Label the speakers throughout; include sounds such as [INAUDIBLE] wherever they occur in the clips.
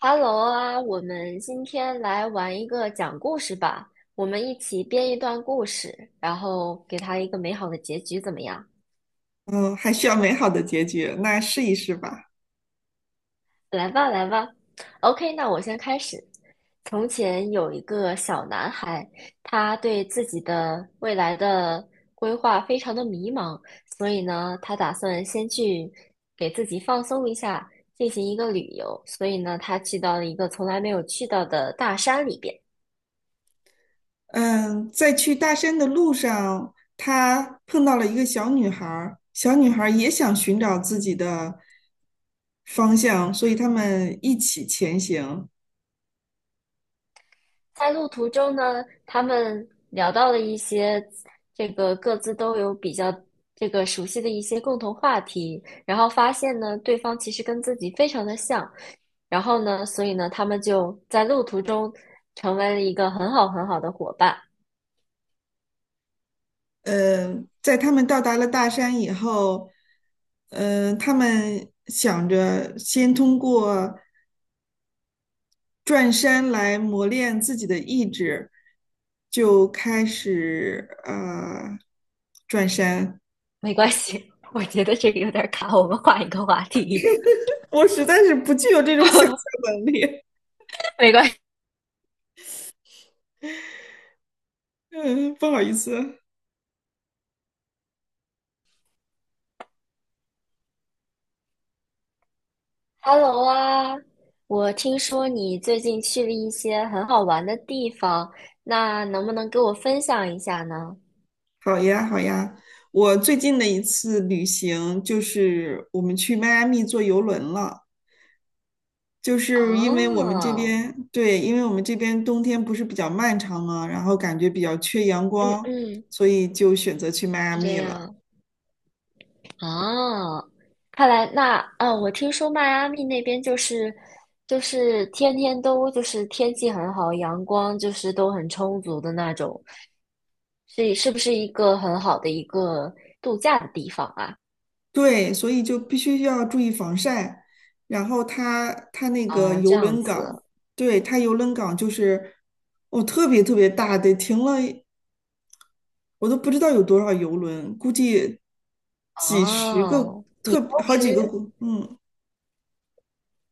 Speaker 1: Hello 啊，我们今天来玩一个讲故事吧。我们一起编一段故事，然后给它一个美好的结局，怎么样？
Speaker 2: 嗯，还需要美好的结局，那试一试吧。
Speaker 1: 来吧，来吧。OK，那我先开始。从前有一个小男孩，他对自己的未来的规划非常的迷茫，所以呢，他打算先去给自己放松一下，进行一个旅游。所以呢，他去到了一个从来没有去到的大山里边。
Speaker 2: 嗯，在去大山的路上，他碰到了一个小女孩儿，小女孩儿也想寻找自己的方向，所以他们一起前行。
Speaker 1: 在路途中呢，他们聊到了一些这个各自都有比较这个熟悉的一些共同话题，然后发现呢，对方其实跟自己非常的像，然后呢，所以呢，他们就在路途中成为了一个很好很好的伙伴。
Speaker 2: 嗯，在他们到达了大山以后，嗯，他们想着先通过转山来磨练自己的意志，就开始转山。
Speaker 1: 没关系，[LAUGHS] 我觉得这个有点卡，我们换一个话题。
Speaker 2: 我实在是不具有这种想象
Speaker 1: [LAUGHS]
Speaker 2: 能力。
Speaker 1: 没关系。
Speaker 2: 嗯，不好意思。
Speaker 1: Hello 啊，我听说你最近去了一些很好玩的地方，那能不能给我分享一下呢？
Speaker 2: 好呀，好呀。我最近的一次旅行就是我们去迈阿密坐游轮了，就是因为我们这
Speaker 1: 哦，
Speaker 2: 边，对，因为我们这边冬天不是比较漫长嘛，然后感觉比较缺阳
Speaker 1: 嗯
Speaker 2: 光，
Speaker 1: 嗯，
Speaker 2: 所以就选择去迈阿
Speaker 1: 是这
Speaker 2: 密了。
Speaker 1: 样。哦，看来那啊，我听说迈阿密那边就是天天都就是天气很好，阳光就是都很充足的那种，是不是一个很好的一个度假的地方啊？
Speaker 2: 对，所以就必须要注意防晒。然后它那个
Speaker 1: 啊，这
Speaker 2: 游
Speaker 1: 样
Speaker 2: 轮港，
Speaker 1: 子。
Speaker 2: 对，它游轮港就是哦，特别特别大，得停了我都不知道有多少游轮，估计几十个，
Speaker 1: 哦，当
Speaker 2: 特好
Speaker 1: 时
Speaker 2: 几个国，嗯，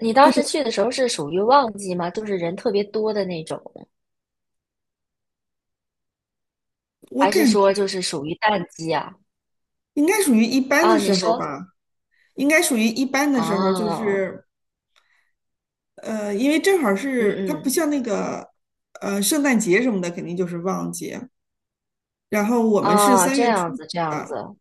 Speaker 1: 你当时去的时候是属于旺季吗？就是人特别多的那种，
Speaker 2: 我
Speaker 1: 还是
Speaker 2: 感觉
Speaker 1: 说就是属于淡季啊？
Speaker 2: 应该属于一般的
Speaker 1: 啊，你
Speaker 2: 时候
Speaker 1: 说。
Speaker 2: 吧，应该属于一般的时候，就
Speaker 1: 哦，
Speaker 2: 是因为正好
Speaker 1: 嗯
Speaker 2: 是它不
Speaker 1: 嗯，
Speaker 2: 像那个圣诞节什么的，肯定就是旺季，然后我们是
Speaker 1: 啊，
Speaker 2: 三
Speaker 1: 这
Speaker 2: 月初
Speaker 1: 样子，这样
Speaker 2: 的，
Speaker 1: 子。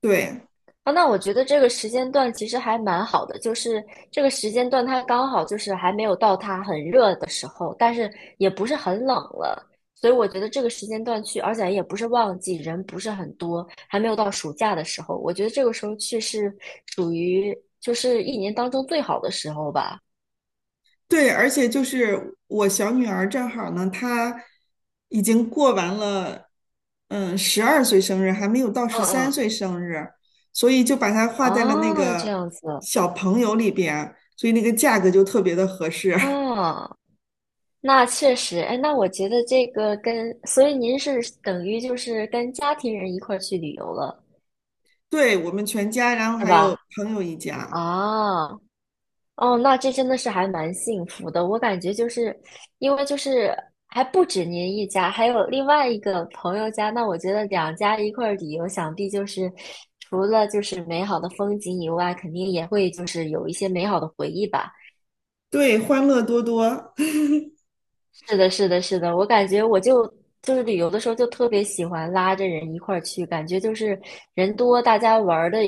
Speaker 2: 对。
Speaker 1: 啊，那我觉得这个时间段其实还蛮好的，就是这个时间段它刚好就是还没有到它很热的时候，但是也不是很冷了，所以我觉得这个时间段去，而且也不是旺季，人不是很多，还没有到暑假的时候，我觉得这个时候去是属于就是一年当中最好的时候吧。
Speaker 2: 对，而且就是我小女儿正好呢，她已经过完了，嗯，12岁生日，还没有到十
Speaker 1: 嗯
Speaker 2: 三
Speaker 1: 嗯，
Speaker 2: 岁生日，所以就把它画在了那
Speaker 1: 哦，这
Speaker 2: 个
Speaker 1: 样子，
Speaker 2: 小朋友里边，所以那个价格就特别的合适。
Speaker 1: 啊。那确实，哎，那我觉得这个跟，所以您是等于就是跟家庭人一块儿去旅游了，
Speaker 2: [LAUGHS] 对，我们全家，然后
Speaker 1: 是
Speaker 2: 还有
Speaker 1: 吧？
Speaker 2: 朋友一家，
Speaker 1: 啊，哦，那这真的是还蛮幸福的。我感觉就是，因为就是还不止您一家，还有另外一个朋友家，那我觉得两家一块儿旅游，想必就是除了就是美好的风景以外，肯定也会就是有一些美好的回忆吧。
Speaker 2: 对，欢乐多多。
Speaker 1: 是的，是的，是的，我感觉我就是旅游的时候就特别喜欢拉着人一块儿去，感觉就是人多，大家玩儿的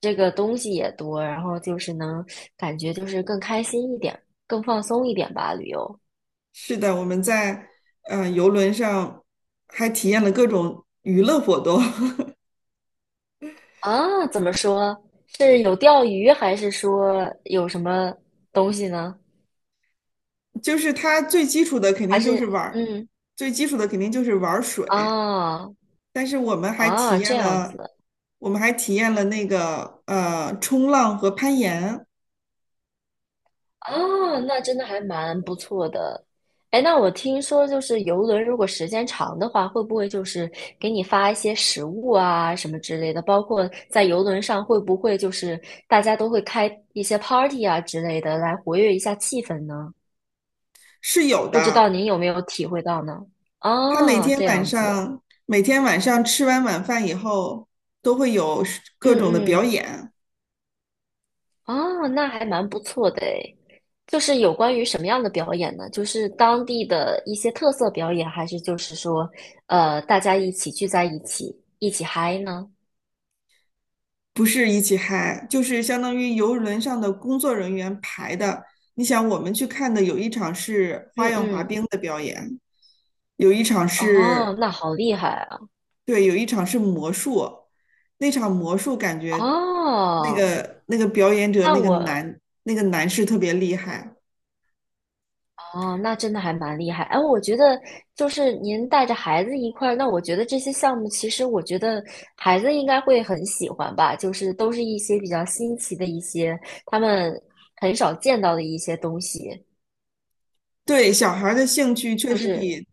Speaker 1: 这个东西也多，然后就是能感觉就是更开心一点，更放松一点吧，旅游。
Speaker 2: [LAUGHS] 是的，我们在游轮上还体验了各种娱乐活动。[LAUGHS]
Speaker 1: 啊，怎么说？是有钓鱼，还是说有什么东西呢？
Speaker 2: 就是它最基础的肯
Speaker 1: 还
Speaker 2: 定就是
Speaker 1: 是
Speaker 2: 玩儿，
Speaker 1: 嗯
Speaker 2: 最基础的肯定就是玩儿水，
Speaker 1: 啊
Speaker 2: 但是我们还体
Speaker 1: 啊这
Speaker 2: 验
Speaker 1: 样
Speaker 2: 了，
Speaker 1: 子。
Speaker 2: 我们还体验了那个冲浪和攀岩
Speaker 1: 哦，那真的还蛮不错的。哎，那我听说就是游轮，如果时间长的话，会不会就是给你发一些食物啊什么之类的？包括在游轮上，会不会就是大家都会开一些 party 啊之类的来活跃一下气氛呢？
Speaker 2: 是有
Speaker 1: 不知道
Speaker 2: 的。
Speaker 1: 您有没有体会到呢？
Speaker 2: 他每
Speaker 1: 哦，
Speaker 2: 天
Speaker 1: 这
Speaker 2: 晚
Speaker 1: 样子，
Speaker 2: 上每天晚上吃完晚饭以后都会有各
Speaker 1: 嗯
Speaker 2: 种的表
Speaker 1: 嗯。
Speaker 2: 演，
Speaker 1: 哦，那还蛮不错的诶。就是有关于什么样的表演呢？就是当地的一些特色表演，还是就是说，大家一起聚在一起，一起嗨呢？
Speaker 2: 不是一起嗨，就是相当于游轮上的工作人员排的。你想，我们去看的有一场是
Speaker 1: 嗯
Speaker 2: 花样滑
Speaker 1: 嗯，
Speaker 2: 冰的表演，有一场是
Speaker 1: 哦，那好厉害啊！
Speaker 2: 对，有一场是魔术，那场魔术感觉那
Speaker 1: 哦，
Speaker 2: 个那个表演者
Speaker 1: 那
Speaker 2: 那个
Speaker 1: 我，
Speaker 2: 男那个男士特别厉害。
Speaker 1: 哦，那真的还蛮厉害。哎，我觉得就是您带着孩子一块儿，那我觉得这些项目其实我觉得孩子应该会很喜欢吧，就是都是一些比较新奇的一些他们很少见到的一些东西。
Speaker 2: 对，小孩儿的兴趣确
Speaker 1: 就
Speaker 2: 实
Speaker 1: 是
Speaker 2: 比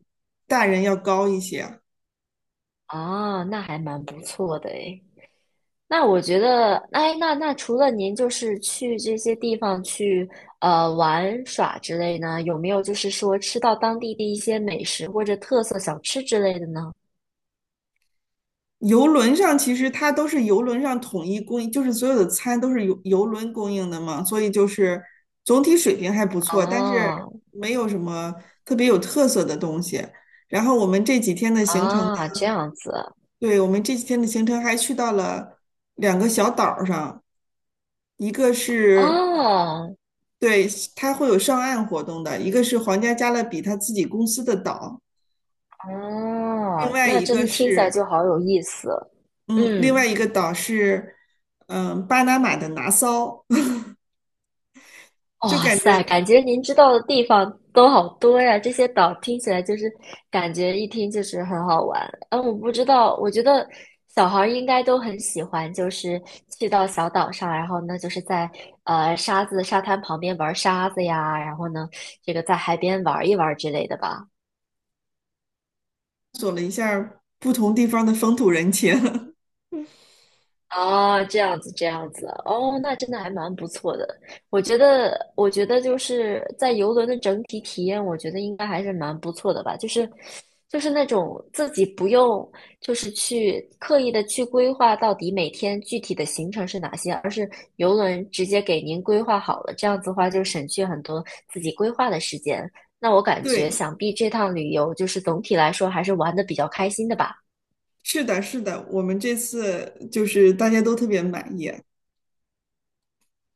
Speaker 2: 大人要高一些。
Speaker 1: 啊，那还蛮不错的诶。那我觉得，哎，那除了您就是去这些地方去玩耍之类呢，有没有就是说吃到当地的一些美食或者特色小吃之类的呢？
Speaker 2: 游轮上其实它都是游轮上统一供应，就是所有的餐都是游轮供应的嘛，所以就是总体水平还不错，但是
Speaker 1: 哦
Speaker 2: 没有什么特别有特色的东西。然后我们这几天的行程，
Speaker 1: 啊，这样子
Speaker 2: 对，我们这几天的行程还去到了两个小岛儿上。一个是
Speaker 1: 哦
Speaker 2: 对它会有上岸活动的，一个是皇家加勒比他自己公司的岛，另
Speaker 1: 哦，
Speaker 2: 外
Speaker 1: 那
Speaker 2: 一
Speaker 1: 真
Speaker 2: 个
Speaker 1: 的听起来
Speaker 2: 是
Speaker 1: 就好有意思。
Speaker 2: 嗯，另外
Speaker 1: 嗯。
Speaker 2: 一个岛是巴拿马的拿骚，[LAUGHS] 就
Speaker 1: 哇
Speaker 2: 感
Speaker 1: 塞，
Speaker 2: 觉
Speaker 1: 感觉您知道的地方都好多呀！这些岛听起来就是感觉一听就是很好玩。嗯，我不知道，我觉得小孩儿应该都很喜欢，就是去到小岛上，然后呢，就是在沙滩旁边玩沙子呀，然后呢，这个在海边玩一玩之类的吧。
Speaker 2: 不同地方的风土人情。
Speaker 1: 哦，这样子，这样子，哦，那真的还蛮不错的。我觉得就是在游轮的整体体验，我觉得应该还是蛮不错的吧。就是那种自己不用，就是去刻意的去规划到底每天具体的行程是哪些，而是游轮直接给您规划好了。这样子的话，就省去很多自己规划的时间。那我
Speaker 2: [LAUGHS]
Speaker 1: 感觉，
Speaker 2: 对，
Speaker 1: 想必这趟旅游就是总体来说还是玩的比较开心的吧。
Speaker 2: 是的，是的，我们这次就是大家都特别满意。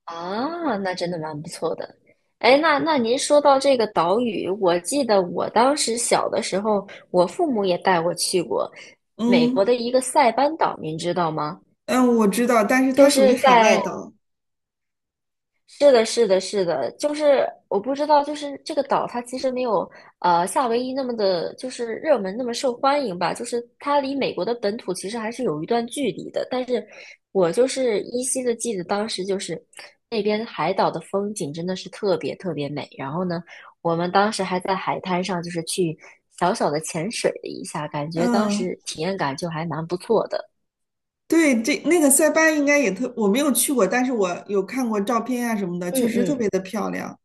Speaker 1: 啊，那真的蛮不错的。哎，那您说到这个岛屿，我记得我当时小的时候，我父母也带我去过美
Speaker 2: 嗯
Speaker 1: 国的一个塞班岛，您知道吗？
Speaker 2: 嗯，我知道，但是
Speaker 1: 就
Speaker 2: 它属于
Speaker 1: 是
Speaker 2: 海外
Speaker 1: 在
Speaker 2: 岛。
Speaker 1: 是的，是的，是的，就是我不知道，就是这个岛它其实没有夏威夷那么的，就是热门那么受欢迎吧，就是它离美国的本土其实还是有一段距离的。但是我就是依稀的记得当时就是那边海岛的风景真的是特别特别美。然后呢，我们当时还在海滩上就是去小小的潜水了一下，感觉当
Speaker 2: 嗯，
Speaker 1: 时体验感就还蛮不错的。
Speaker 2: 对，这那个塞班应该也特，我没有去过，但是我有看过照片啊什么的，确
Speaker 1: 嗯
Speaker 2: 实特
Speaker 1: 嗯。
Speaker 2: 别的漂亮。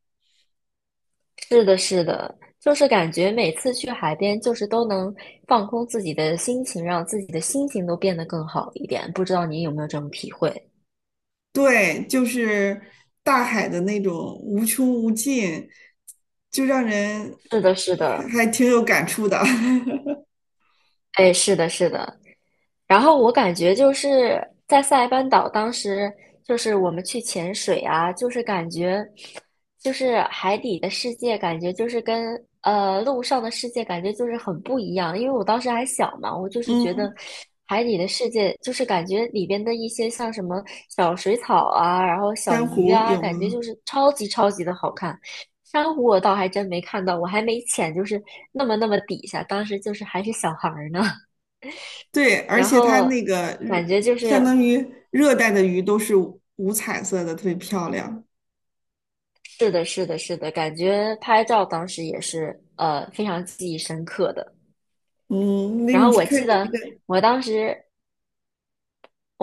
Speaker 1: 是的，是的，就是感觉每次去海边，就是都能放空自己的心情，让自己的心情都变得更好一点。不知道你有没有这种体会？
Speaker 2: 对，就是大海的那种无穷无尽，就让人
Speaker 1: 是的，是
Speaker 2: 还
Speaker 1: 的，
Speaker 2: 还挺有感触的。[LAUGHS]
Speaker 1: 哎，是的，是的。然后我感觉就是在塞班岛，当时就是我们去潜水啊，就是感觉，就是海底的世界，感觉就是跟陆上的世界感觉就是很不一样。因为我当时还小嘛，我就是觉得
Speaker 2: 嗯，
Speaker 1: 海底的世界就是感觉里边的一些像什么小水草啊，然后小
Speaker 2: 珊
Speaker 1: 鱼
Speaker 2: 瑚
Speaker 1: 啊，
Speaker 2: 有
Speaker 1: 感觉就
Speaker 2: 吗？
Speaker 1: 是超级超级的好看。珊瑚我倒还真没看到，我还没潜，就是那么那么底下，当时就是还是小孩儿呢。
Speaker 2: 对，而
Speaker 1: 然
Speaker 2: 且它
Speaker 1: 后
Speaker 2: 那个
Speaker 1: 感
Speaker 2: 日
Speaker 1: 觉就
Speaker 2: 相
Speaker 1: 是
Speaker 2: 当于热带的鱼都是五彩色的，特别漂亮。
Speaker 1: 是的，是的，是的，感觉拍照当时也是非常记忆深刻的。
Speaker 2: 嗯，那
Speaker 1: 然后
Speaker 2: 你
Speaker 1: 我
Speaker 2: 看
Speaker 1: 记
Speaker 2: 你这
Speaker 1: 得
Speaker 2: 个，
Speaker 1: 我当时，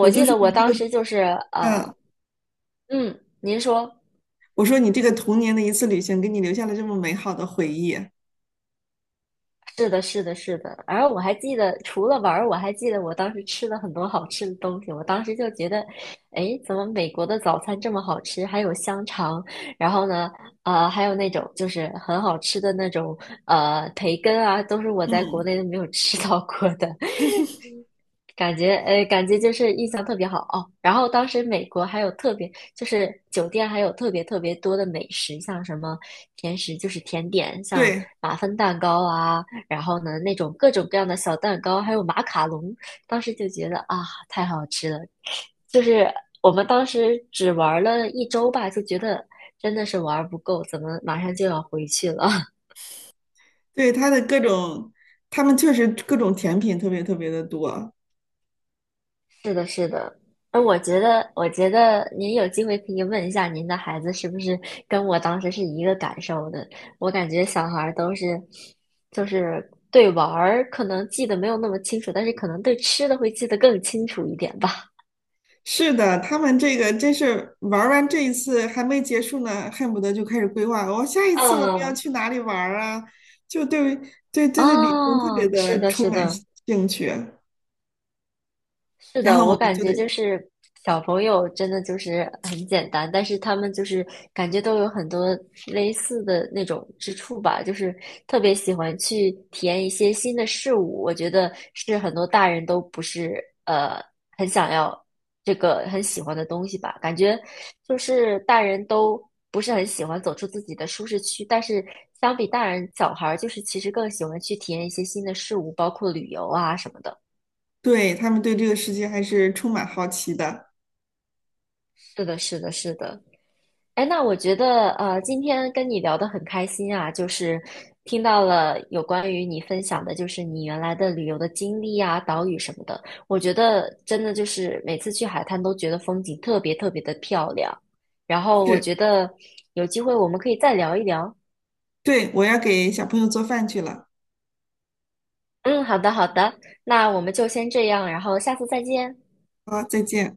Speaker 2: 我就
Speaker 1: 记
Speaker 2: 说
Speaker 1: 得我
Speaker 2: 你这个，
Speaker 1: 当时就是
Speaker 2: 嗯，
Speaker 1: 呃，嗯，您说。
Speaker 2: 我说你这个童年的一次旅行，给你留下了这么美好的回忆。
Speaker 1: 是的，是的，是的。而我还记得，除了玩儿，我还记得我当时吃了很多好吃的东西。我当时就觉得，哎，怎么美国的早餐这么好吃？还有香肠，然后呢，还有那种就是很好吃的那种培根啊，都是我在国
Speaker 2: 嗯，
Speaker 1: 内都没有吃到过的。感觉感觉就是印象特别好哦。然后当时美国还有特别，就是酒店还有特别特别多的美食，像什么甜食，就是甜点，像
Speaker 2: 对
Speaker 1: 马芬蛋糕啊，然后呢那种各种各样的小蛋糕，还有马卡龙。当时就觉得啊，太好吃了。就是我们当时只玩了一周吧，就觉得真的是玩不够，怎么马上就要回去了？
Speaker 2: 对，它的各种，他们确实各种甜品特别特别的多。
Speaker 1: 是的，是的。而我觉得您有机会可以问一下您的孩子是不是跟我当时是一个感受的。我感觉小孩儿都是，就是对玩儿可能记得没有那么清楚，但是可能对吃的会记得更清楚一点吧。
Speaker 2: 是的，他们这个真是玩儿完这一次还没结束呢，恨不得就开始规划，我、下一次我们要
Speaker 1: 嗯，
Speaker 2: 去哪里玩儿啊？就对，旅行特别
Speaker 1: 哦，是
Speaker 2: 的
Speaker 1: 的，
Speaker 2: 充
Speaker 1: 是
Speaker 2: 满
Speaker 1: 的。
Speaker 2: 兴趣，
Speaker 1: 是
Speaker 2: 然
Speaker 1: 的，
Speaker 2: 后我
Speaker 1: 我
Speaker 2: 们
Speaker 1: 感
Speaker 2: 就
Speaker 1: 觉
Speaker 2: 得
Speaker 1: 就是小朋友真的就是很简单，但是他们就是感觉都有很多类似的那种之处吧，就是特别喜欢去体验一些新的事物。我觉得是很多大人都不是很想要这个很喜欢的东西吧，感觉就是大人都不是很喜欢走出自己的舒适区，但是相比大人，小孩儿就是其实更喜欢去体验一些新的事物，包括旅游啊什么的。
Speaker 2: 对他们对这个世界还是充满好奇的。
Speaker 1: 是的，是的，是的。哎，那我觉得今天跟你聊得很开心啊，就是听到了有关于你分享的，就是你原来的旅游的经历啊、岛屿什么的。我觉得真的就是每次去海滩都觉得风景特别特别的漂亮。然后我
Speaker 2: 是，
Speaker 1: 觉得有机会我们可以再聊一聊。
Speaker 2: 对，我要给小朋友做饭去了，
Speaker 1: 嗯，好的好的，那我们就先这样，然后下次再见。
Speaker 2: 好，再见。